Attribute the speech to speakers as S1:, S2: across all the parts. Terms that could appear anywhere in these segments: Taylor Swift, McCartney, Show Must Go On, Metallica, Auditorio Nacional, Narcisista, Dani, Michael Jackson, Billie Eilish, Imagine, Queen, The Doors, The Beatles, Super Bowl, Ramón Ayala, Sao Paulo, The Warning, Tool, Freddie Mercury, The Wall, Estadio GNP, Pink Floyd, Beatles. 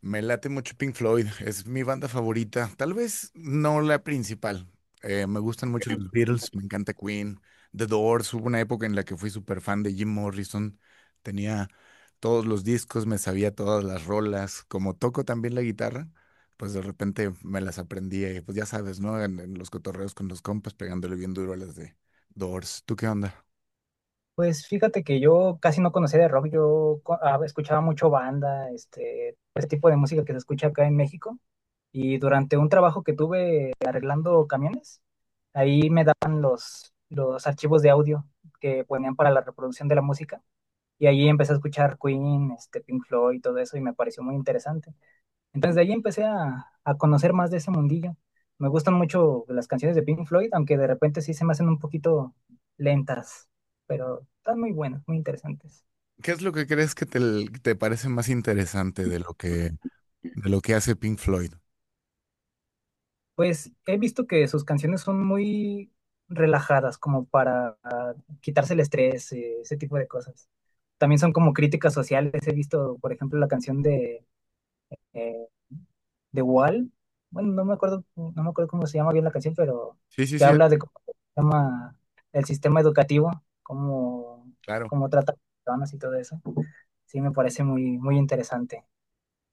S1: Me late mucho Pink Floyd, es mi banda favorita, tal vez no la principal. Me gustan mucho los Beatles, me encanta Queen, The Doors. Hubo una época en la que fui súper fan de Jim Morrison, tenía todos los discos, me sabía todas las rolas, como toco también la guitarra, pues de repente me las aprendí, pues ya sabes, ¿no? En los cotorreos con los compas, pegándole bien duro a las de Doors. ¿Tú qué onda?
S2: Pues fíjate que yo casi no conocía de rock, escuchaba mucho banda, este tipo de música que se escucha acá en México. Y durante un trabajo que tuve arreglando camiones, ahí me daban los archivos de audio que ponían para la reproducción de la música. Y ahí empecé a escuchar Queen, Pink Floyd y todo eso, y me pareció muy interesante. Entonces de ahí empecé a conocer más de ese mundillo. Me gustan mucho las canciones de Pink Floyd, aunque de repente sí se me hacen un poquito lentas, pero están muy buenas, muy interesantes.
S1: ¿Qué es lo que crees que te parece más interesante de lo que hace Pink Floyd?
S2: Pues he visto que sus canciones son muy relajadas, como para quitarse el estrés, ese tipo de cosas. También son como críticas sociales. He visto, por ejemplo, la canción de eh, The Wall. Bueno, no me acuerdo cómo se llama bien la canción, pero
S1: Sí, sí,
S2: que
S1: sí,
S2: habla de cómo se llama el sistema educativo, cómo,
S1: claro.
S2: cómo trata a las personas y todo eso. Sí, me parece muy, muy interesante.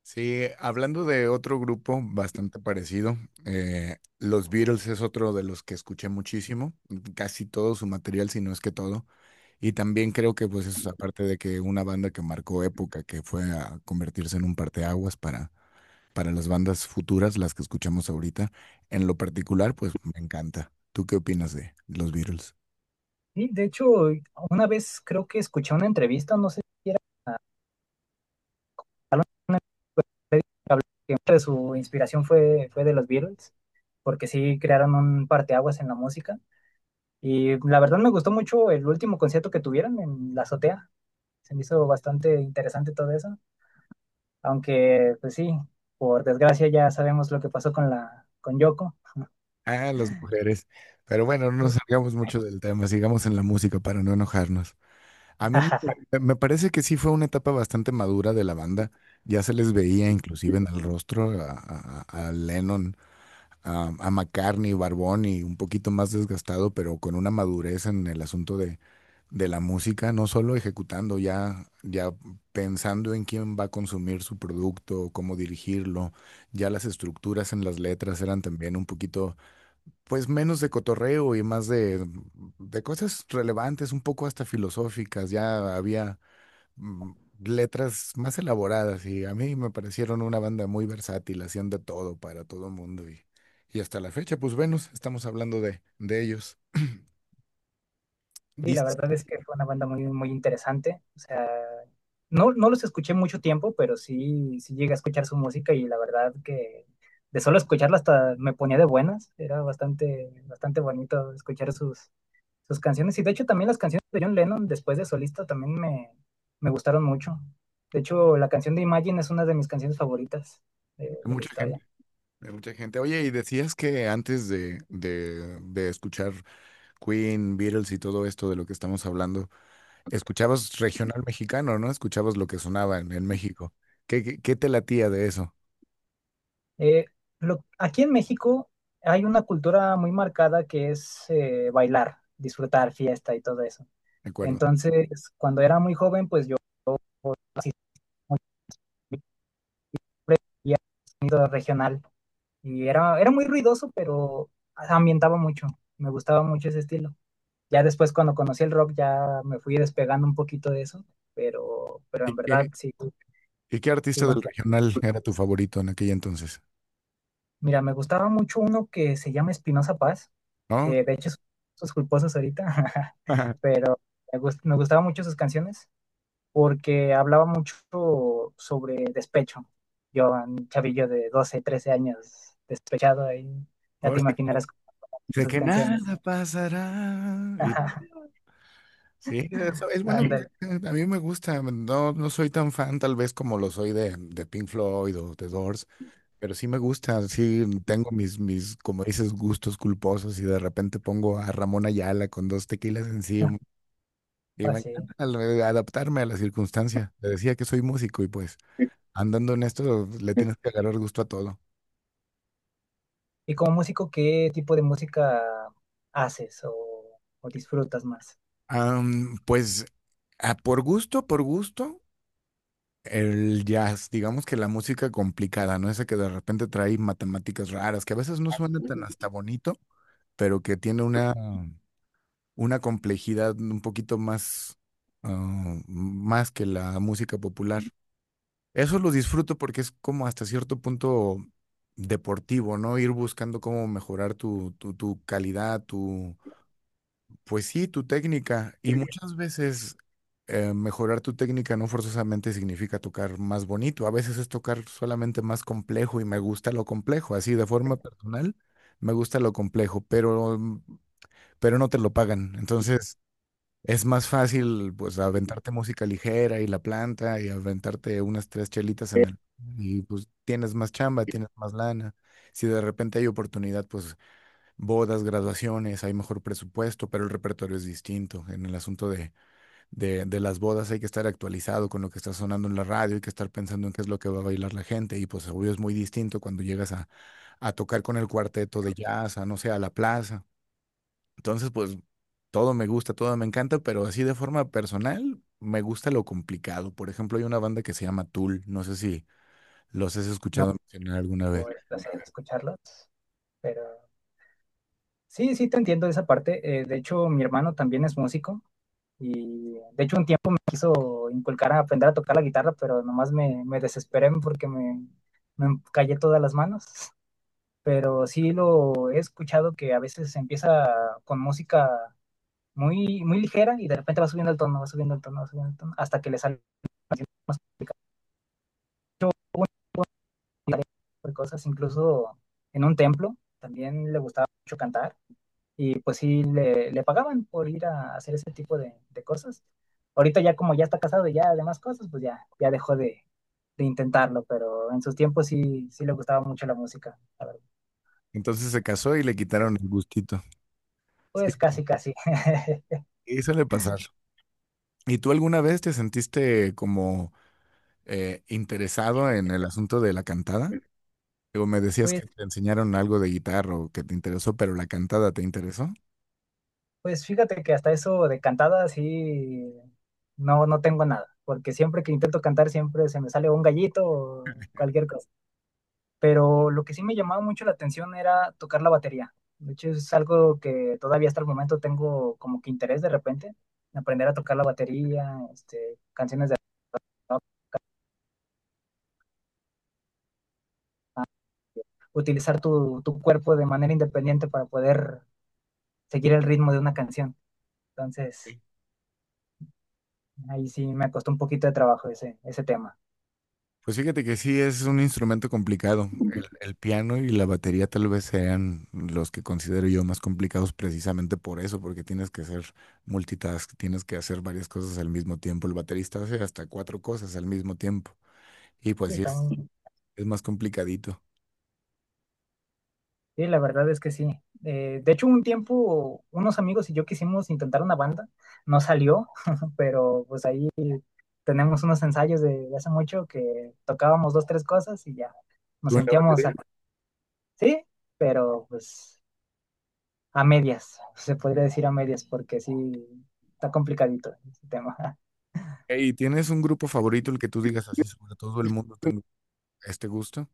S1: Sí, hablando de otro grupo bastante parecido, los Beatles es otro de los que escuché muchísimo, casi todo su material, si no es que todo. Y también creo que, pues, eso es aparte de que una banda que marcó época, que fue a convertirse en un parteaguas para las bandas futuras, las que escuchamos ahorita, en lo particular, pues me encanta. ¿Tú qué opinas de los Beatles?
S2: Sí, de hecho, una vez creo que escuché una entrevista, no sé si era una que hablaba que mucha de su inspiración fue de los Beatles, porque sí crearon un parteaguas en la música. Y la verdad me gustó mucho el último concierto que tuvieron en la azotea. Se me hizo bastante interesante todo eso. Aunque, pues sí, por desgracia ya sabemos lo que pasó con Yoko.
S1: Ah, las mujeres. Pero bueno, no nos
S2: Sí.
S1: salgamos mucho del tema, sigamos en la música para no enojarnos. A mí me parece que sí fue una etapa bastante madura de la banda. Ya se les veía inclusive en el rostro a Lennon, a McCartney, Barbón y un poquito más desgastado, pero con una madurez en el asunto de la música, no solo ejecutando, ya pensando en quién va a consumir su producto, cómo dirigirlo. Ya las estructuras en las letras eran también un poquito pues menos de cotorreo y más de cosas relevantes, un poco hasta filosóficas. Ya había mm, letras más elaboradas y a mí me parecieron una banda muy versátil, hacían de todo para todo el mundo y hasta la fecha, pues Venus, estamos hablando de ellos.
S2: Sí, la
S1: Dices,
S2: verdad es que fue una banda muy, muy interesante. O sea, no, no los escuché mucho tiempo, pero sí, sí llegué a escuchar su música y la verdad que de solo escucharla hasta me ponía de buenas. Era bastante, bastante bonito escuchar sus canciones. Y de hecho también las canciones de John Lennon después de solista también me gustaron mucho. De hecho, la canción de Imagine es una de mis canciones favoritas de la
S1: mucha gente.
S2: historia.
S1: De mucha gente. Oye, y decías que antes de escuchar Queen, Beatles y todo esto de lo que estamos hablando, escuchabas regional mexicano, ¿no? Escuchabas lo que sonaba en México. Qué te latía de eso?
S2: Eh, Aquí en México hay una cultura muy marcada que es bailar, disfrutar, fiesta y todo eso.
S1: De acuerdo.
S2: Entonces, cuando era muy joven, pues yo asistía a sonido regional y era muy ruidoso, pero ambientaba mucho. Me gustaba mucho ese estilo. Ya después, cuando conocí el rock, ya me fui despegando un poquito de eso, pero,
S1: ¿Y
S2: en verdad sí,
S1: y qué
S2: sí,
S1: artista
S2: bueno.
S1: del regional era tu favorito en aquel entonces?
S2: Mira, me gustaba mucho uno que se llama Espinosa Paz,
S1: ¿No?
S2: que de hecho es sus culposos ahorita, pero me gustaba mucho sus canciones porque hablaba mucho sobre despecho. Yo, un chavillo de 12, 13 años, despechado ahí, ya
S1: Oh,
S2: te
S1: sí, claro.
S2: imaginarás con
S1: De
S2: sus
S1: que
S2: canciones.
S1: nada pasará. Y- sí, eso es buena música.
S2: Ándale,
S1: A mí me gusta. No, no soy tan fan, tal vez, como lo soy de Pink Floyd o The Doors. Pero sí me gusta, sí, tengo mis, como dices, gustos culposos y de repente pongo a Ramón Ayala con dos tequilas encima y me
S2: así.
S1: encanta adaptarme a la circunstancia. Le decía que soy músico y pues andando en esto le tienes que agarrar gusto a todo.
S2: ¿Y como músico, qué tipo de música haces o disfrutas más?
S1: Pues por gusto, el jazz, digamos que la música complicada, ¿no? Esa que de repente trae matemáticas raras, que a veces no suena tan
S2: No,
S1: hasta bonito, pero que tiene una complejidad un poquito más, más que la música popular. Eso lo disfruto porque es como hasta cierto punto deportivo, ¿no? Ir buscando cómo mejorar tu calidad, tu, pues sí, tu técnica. Y muchas veces mejorar tu técnica no forzosamente significa tocar más bonito. A veces es tocar solamente más complejo y me gusta lo complejo. Así, de forma personal, me gusta lo complejo, pero no te lo pagan. Entonces... es más fácil, pues, aventarte música ligera y la planta y aventarte unas tres chelitas en el... Y pues tienes más chamba, tienes más lana. Si de repente hay oportunidad, pues bodas, graduaciones, hay mejor presupuesto, pero el repertorio es distinto. En el asunto de las bodas hay que estar actualizado con lo que está sonando en la radio, hay que estar pensando en qué es lo que va a bailar la gente. Y pues obvio es muy distinto cuando llegas a tocar con el cuarteto de jazz, a no sé, a la plaza. Entonces, pues todo me gusta, todo me encanta, pero así de forma personal me gusta lo complicado. Por ejemplo, hay una banda que se llama Tool, no sé si los has escuchado mencionar alguna vez.
S2: por el placer de escucharlos, pero... Sí, sí, te entiendo de esa parte. De hecho, mi hermano también es músico y de hecho un tiempo me quiso inculcar a aprender a tocar la guitarra, pero nomás me desesperé porque me callé todas las manos. Pero sí lo he escuchado que a veces empieza con música muy, muy ligera y de repente va subiendo el tono, va subiendo el tono, va subiendo el tono, hasta que le sale más complicado. Cosas, incluso en un templo también le gustaba mucho cantar. Y pues sí, le pagaban por ir a hacer ese tipo de cosas. Ahorita ya como ya está casado y ya demás cosas, pues ya dejó de intentarlo, pero en sus tiempos sí, sí le gustaba mucho la música. La verdad.
S1: Entonces se casó y le quitaron el gustito. Sí,
S2: Pues casi, casi.
S1: y suele pasar. ¿Y tú alguna vez te sentiste como interesado en el asunto de la cantada? O me decías
S2: Pues,
S1: que te enseñaron algo de guitarra o que te interesó, pero la cantada te interesó.
S2: pues fíjate que hasta eso de cantada sí, no, no tengo nada, porque siempre que intento cantar siempre se me sale un gallito o cualquier cosa. Pero lo que sí me llamaba mucho la atención era tocar la batería. De hecho, es algo que todavía hasta el momento tengo como que interés de repente, en aprender a tocar la batería, canciones de rock, utilizar tu cuerpo de manera independiente para poder seguir el ritmo de una canción. Entonces, ahí sí me costó un poquito de trabajo ese tema.
S1: Pues fíjate que sí, es un instrumento complicado. El piano y la batería tal vez sean los que considero yo más complicados precisamente por eso, porque tienes que hacer multitask, tienes que hacer varias cosas al mismo tiempo. El baterista hace hasta cuatro cosas al mismo tiempo. Y
S2: Y
S1: pues sí,
S2: está muy-
S1: es más complicadito.
S2: sí, la verdad es que sí. De hecho, un tiempo unos amigos y yo quisimos intentar una banda, no salió, pero pues ahí tenemos unos ensayos de hace mucho que tocábamos dos, tres cosas y ya nos
S1: ¿Tú en la
S2: sentíamos
S1: batería?
S2: acá, sí, pero pues a medias, se podría decir a medias, porque sí está complicadito ese tema.
S1: ¿Y tienes un grupo favorito, el que tú digas así, sobre todo el mundo tengo este gusto?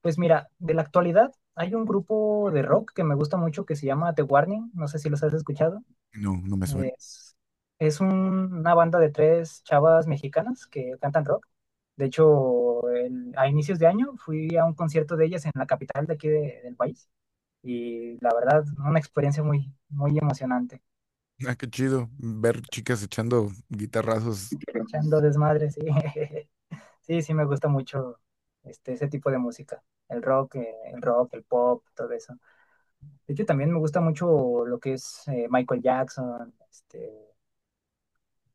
S2: Pues mira, de la actualidad hay un grupo de rock que me gusta mucho que se llama The Warning, no sé si los has escuchado.
S1: No, no me suena.
S2: Es, es un- una banda de tres chavas mexicanas que cantan rock. De hecho, a inicios de año fui a un concierto de ellas en la capital de aquí del país y la verdad, una experiencia muy, muy emocionante.
S1: Ah, qué chido ver chicas echando guitarrazos.
S2: Echando desmadre, sí. Sí, sí me gusta mucho ese tipo de música. El rock, el pop, todo eso. De hecho, también me gusta mucho lo que es Michael Jackson,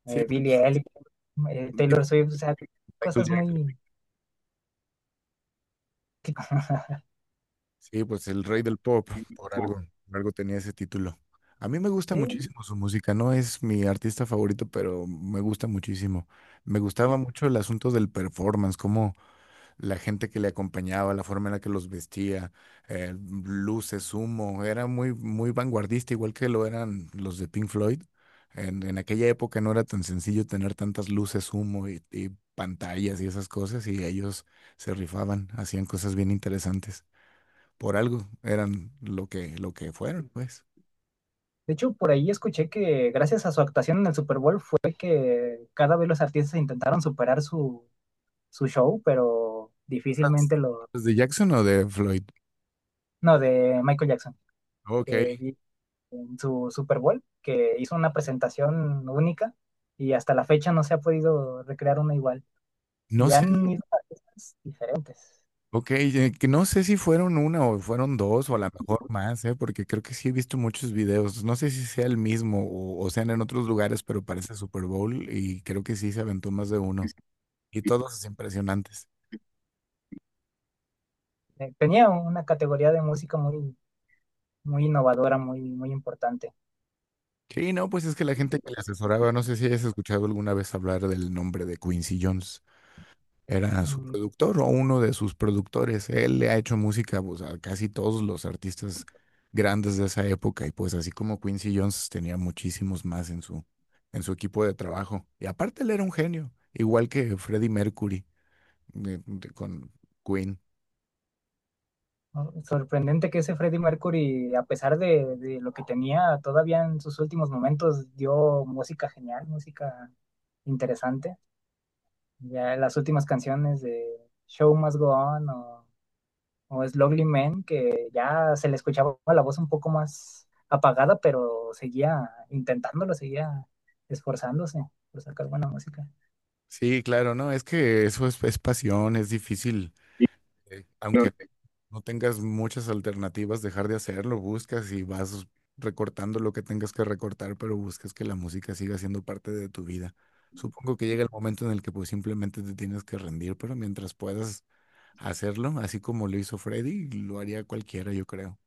S1: Sí,
S2: Billie Eilish,
S1: pues, dime,
S2: Taylor Swift, o sea,
S1: Michael
S2: cosas
S1: Jackson.
S2: muy... que-
S1: Sí, pues el rey del pop, por algo, por algo tenía ese título. A mí me gusta
S2: sí.
S1: muchísimo su música, no es mi artista favorito, pero me gusta muchísimo. Me gustaba mucho el asunto del performance, como la gente que le acompañaba, la forma en la que los vestía, eh, luces, humo, era muy, muy vanguardista, igual que lo eran los de Pink Floyd. En aquella época no era tan sencillo tener tantas luces, humo y pantallas y esas cosas, y ellos se rifaban, hacían cosas bien interesantes por algo eran lo que fueron, pues.
S2: De hecho, por ahí escuché que gracias a su actuación en el Super Bowl fue que cada vez los artistas intentaron superar su show, pero
S1: Las-
S2: difícilmente lo...
S1: ¿los de Jackson o de Floyd?
S2: No, de Michael Jackson,
S1: Ok.
S2: que vi en su Super Bowl, que hizo una presentación única y hasta la fecha no se ha podido recrear una igual.
S1: No
S2: Y
S1: sé, si-
S2: han ido a artistas diferentes.
S1: ok, que no sé si fueron una o fueron dos o a lo mejor más, ¿eh? Porque creo que sí he visto muchos videos. No sé si sea el mismo o sean en otros lugares, pero parece Super Bowl y creo que sí se aventó más de uno. Y todos impresionantes.
S2: Tenía una categoría de música muy, muy innovadora, muy, muy importante.
S1: Sí, no, pues es que la gente que le asesoraba, no sé si hayas escuchado alguna vez hablar del nombre de Quincy Jones. Era su
S2: Mm,
S1: productor o uno de sus productores. Él le ha hecho música pues, a casi todos los artistas grandes de esa época y pues así como Quincy Jones tenía muchísimos más en su equipo de trabajo. Y aparte él era un genio, igual que Freddie Mercury con Queen.
S2: ¿No? Sorprendente que ese Freddie Mercury, a pesar de lo que tenía, todavía en sus últimos momentos dio música genial, música interesante. Ya las últimas canciones de Show Must Go On o Slowly Man, que ya se le escuchaba la voz un poco más apagada, pero seguía intentándolo, seguía esforzándose por sacar buena música.
S1: Sí, claro, no, es que eso es pasión, es difícil.
S2: Y
S1: Aunque
S2: los-
S1: no tengas muchas alternativas, dejar de hacerlo, buscas y vas recortando lo que tengas que recortar, pero buscas que la música siga siendo parte de tu vida. Supongo que llega el momento en el que pues simplemente te tienes que rendir, pero mientras puedas hacerlo, así como lo hizo Freddy, lo haría cualquiera, yo creo.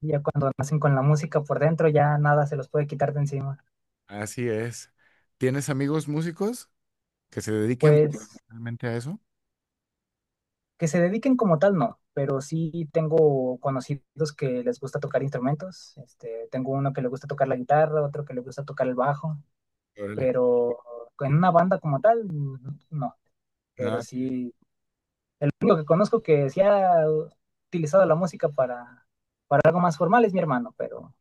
S2: Y ya cuando nacen con la música por dentro, ya nada se los puede quitar de encima.
S1: Así es. ¿Tienes amigos músicos que se dediquen
S2: Pues
S1: realmente a eso?
S2: que se dediquen como tal, no, pero sí tengo conocidos que les gusta tocar instrumentos. Tengo uno que le gusta tocar la guitarra, otro que le gusta tocar el bajo.
S1: Órale.
S2: Pero en una banda como tal, no. Pero
S1: Nada,
S2: sí, lo que conozco que sí ha utilizado la música para, algo más formal es mi hermano, pero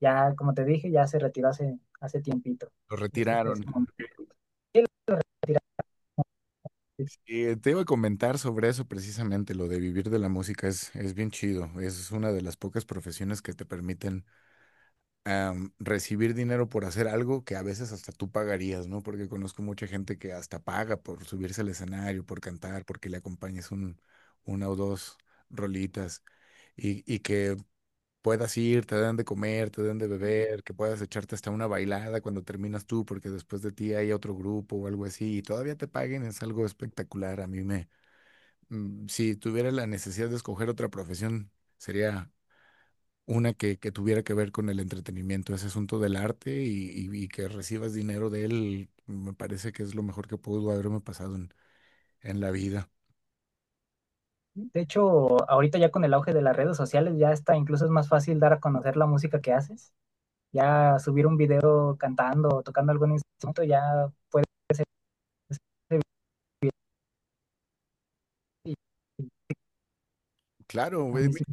S2: ya, como te dije, ya se retiró hace tiempito.
S1: lo
S2: Ese,
S1: retiraron.
S2: ese momento.
S1: Te iba a comentar sobre eso precisamente, lo de vivir de la música es bien chido, es una de las pocas profesiones que te permiten recibir dinero por hacer algo que a veces hasta tú pagarías, ¿no? Porque conozco mucha gente que hasta paga por subirse al escenario, por cantar, porque le acompañes una o dos rolitas y que puedas ir, te dan de comer, te dan de beber, que puedas echarte hasta una bailada cuando terminas tú, porque después de ti hay otro grupo o algo así y todavía te paguen, es algo espectacular, a mí si tuviera la necesidad de escoger otra profesión, sería una que tuviera que ver con el entretenimiento, ese asunto del arte y que recibas dinero de él, me parece que es lo mejor que pudo haberme pasado en la vida.
S2: De hecho, ahorita ya con el auge de las redes sociales, ya está, incluso es más fácil dar a conocer la música que haces. Ya subir un video cantando o tocando algún instrumento, ya. Y
S1: Claro,
S2: a
S1: güey,
S2: mí sí.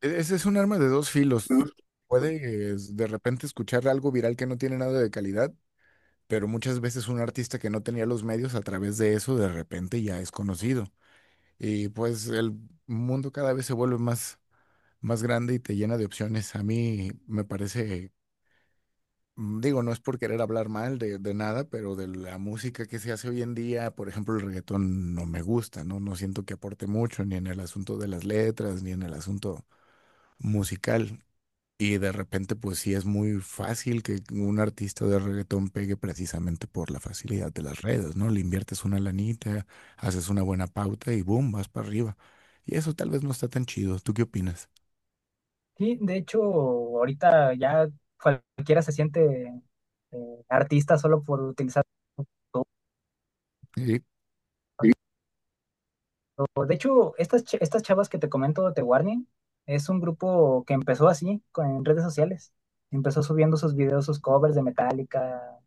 S1: ese es un arma de dos filos. Puedes de repente escuchar algo viral que no tiene nada de calidad, pero muchas veces un artista que no tenía los medios a través de eso de repente ya es conocido. Y pues el mundo cada vez se vuelve más más grande y te llena de opciones. A mí me parece, digo, no es por querer hablar mal de nada, pero de la música que se hace hoy en día, por ejemplo, el reggaetón no me gusta, ¿no? No siento que aporte mucho, ni en el asunto de las letras, ni en el asunto musical. Y de repente, pues sí es muy fácil que un artista de reggaetón pegue precisamente por la facilidad de las redes, ¿no? Le inviertes una lanita, haces una buena pauta y boom, vas para arriba. Y eso tal vez no está tan chido. ¿Tú qué opinas?
S2: Sí, de hecho, ahorita ya cualquiera se siente artista solo por utilizar.
S1: Sí.
S2: Sí, de hecho, estas chavas que te comento, The Warning, es un grupo que empezó así, en redes sociales. Empezó subiendo sus videos, sus covers de Metallica,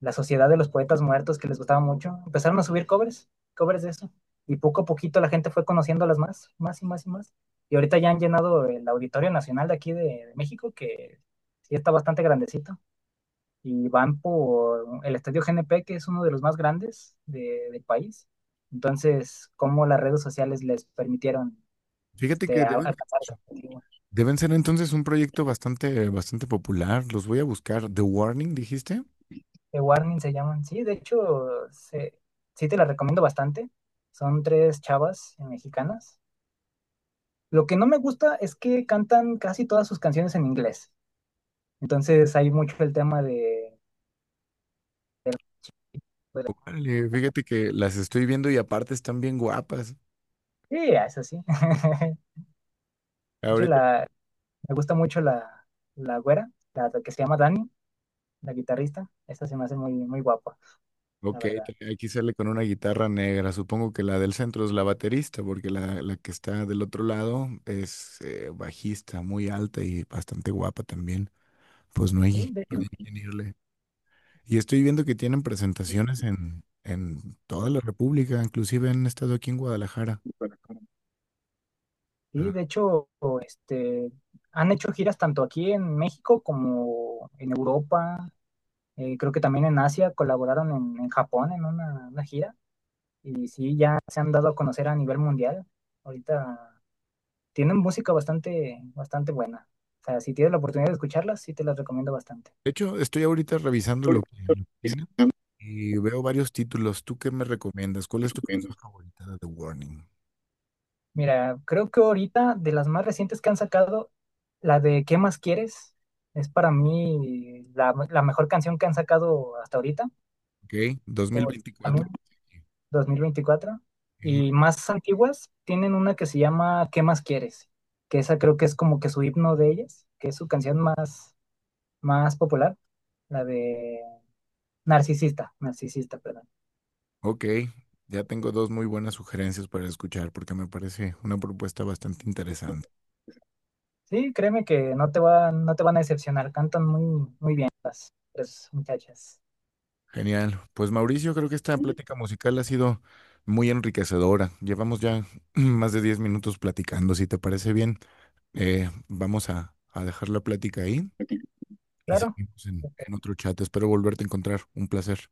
S2: la Sociedad de los Poetas Muertos, que les gustaba mucho, empezaron a subir covers, de eso. Y poco a poquito la gente fue conociéndolas más, más y más y más. Y ahorita ya han llenado el Auditorio Nacional de aquí de México, que sí está bastante grandecito. Y van por el Estadio GNP, que es uno de los más grandes del país. Entonces, ¿cómo las redes sociales les permitieron
S1: Fíjate que debes
S2: alcanzar ese objetivo?
S1: deben ser entonces un proyecto bastante, bastante popular. Los voy a buscar. The Warning, dijiste.
S2: The Warning se llaman. Sí, de hecho, sí te las recomiendo bastante. Son tres chavas mexicanas. Lo que no me gusta es que cantan casi todas sus canciones en inglés. Entonces hay mucho el tema de-
S1: Órale, fíjate que las estoy viendo y aparte están bien guapas.
S2: Sí, es así. De hecho,
S1: Ahorita,
S2: me gusta mucho la güera, la que se llama Dani, la guitarrista. Esta se me hace muy, muy guapa,
S1: ok,
S2: la verdad.
S1: te- aquí sale con una guitarra negra. Supongo que la del centro es la baterista, porque la que está del otro lado es bajista, muy alta y bastante guapa también. Pues no
S2: Sí,
S1: hay, no hay quien irle. Y estoy viendo que tienen presentaciones en toda la República, inclusive han estado aquí en Guadalajara.
S2: de hecho, este, han hecho giras tanto aquí en México como en Europa. Creo que también en Asia colaboraron en Japón en una gira. Y sí, ya se han dado a conocer a nivel mundial. Ahorita tienen música bastante, bastante buena. O sea, si tienes la oportunidad de escucharlas, sí te las recomiendo bastante.
S1: De hecho, estoy ahorita revisando
S2: Porque
S1: lo que
S2: es
S1: tienen y veo varios títulos. ¿Tú qué me recomiendas? ¿Cuál es tu
S2: tremendo.
S1: canción favorita de The Warning?
S2: Mira, creo que ahorita de las más recientes que han sacado, la de ¿Qué más quieres? Es para mí la mejor canción que han sacado hasta ahorita,
S1: Ok,
S2: o también
S1: 2024.
S2: 2024.
S1: Ujú.
S2: Y más antiguas tienen una que se llama ¿Qué más quieres? Que esa creo que es como que su himno de ellas, que es su canción más, más popular, la de Narcisista, Narcisista, perdón.
S1: Ok, ya tengo dos muy buenas sugerencias para escuchar porque me parece una propuesta bastante interesante.
S2: Sí, créeme que no te van a decepcionar, cantan muy, muy bien las tres muchachas.
S1: Genial. Pues Mauricio, creo que esta plática musical ha sido muy enriquecedora. Llevamos ya más de 10 minutos platicando, si te parece bien. Vamos a dejar la plática ahí
S2: Ok.
S1: y
S2: Claro.
S1: seguimos en
S2: Perfecto.
S1: otro chat. Espero volverte a encontrar. Un placer.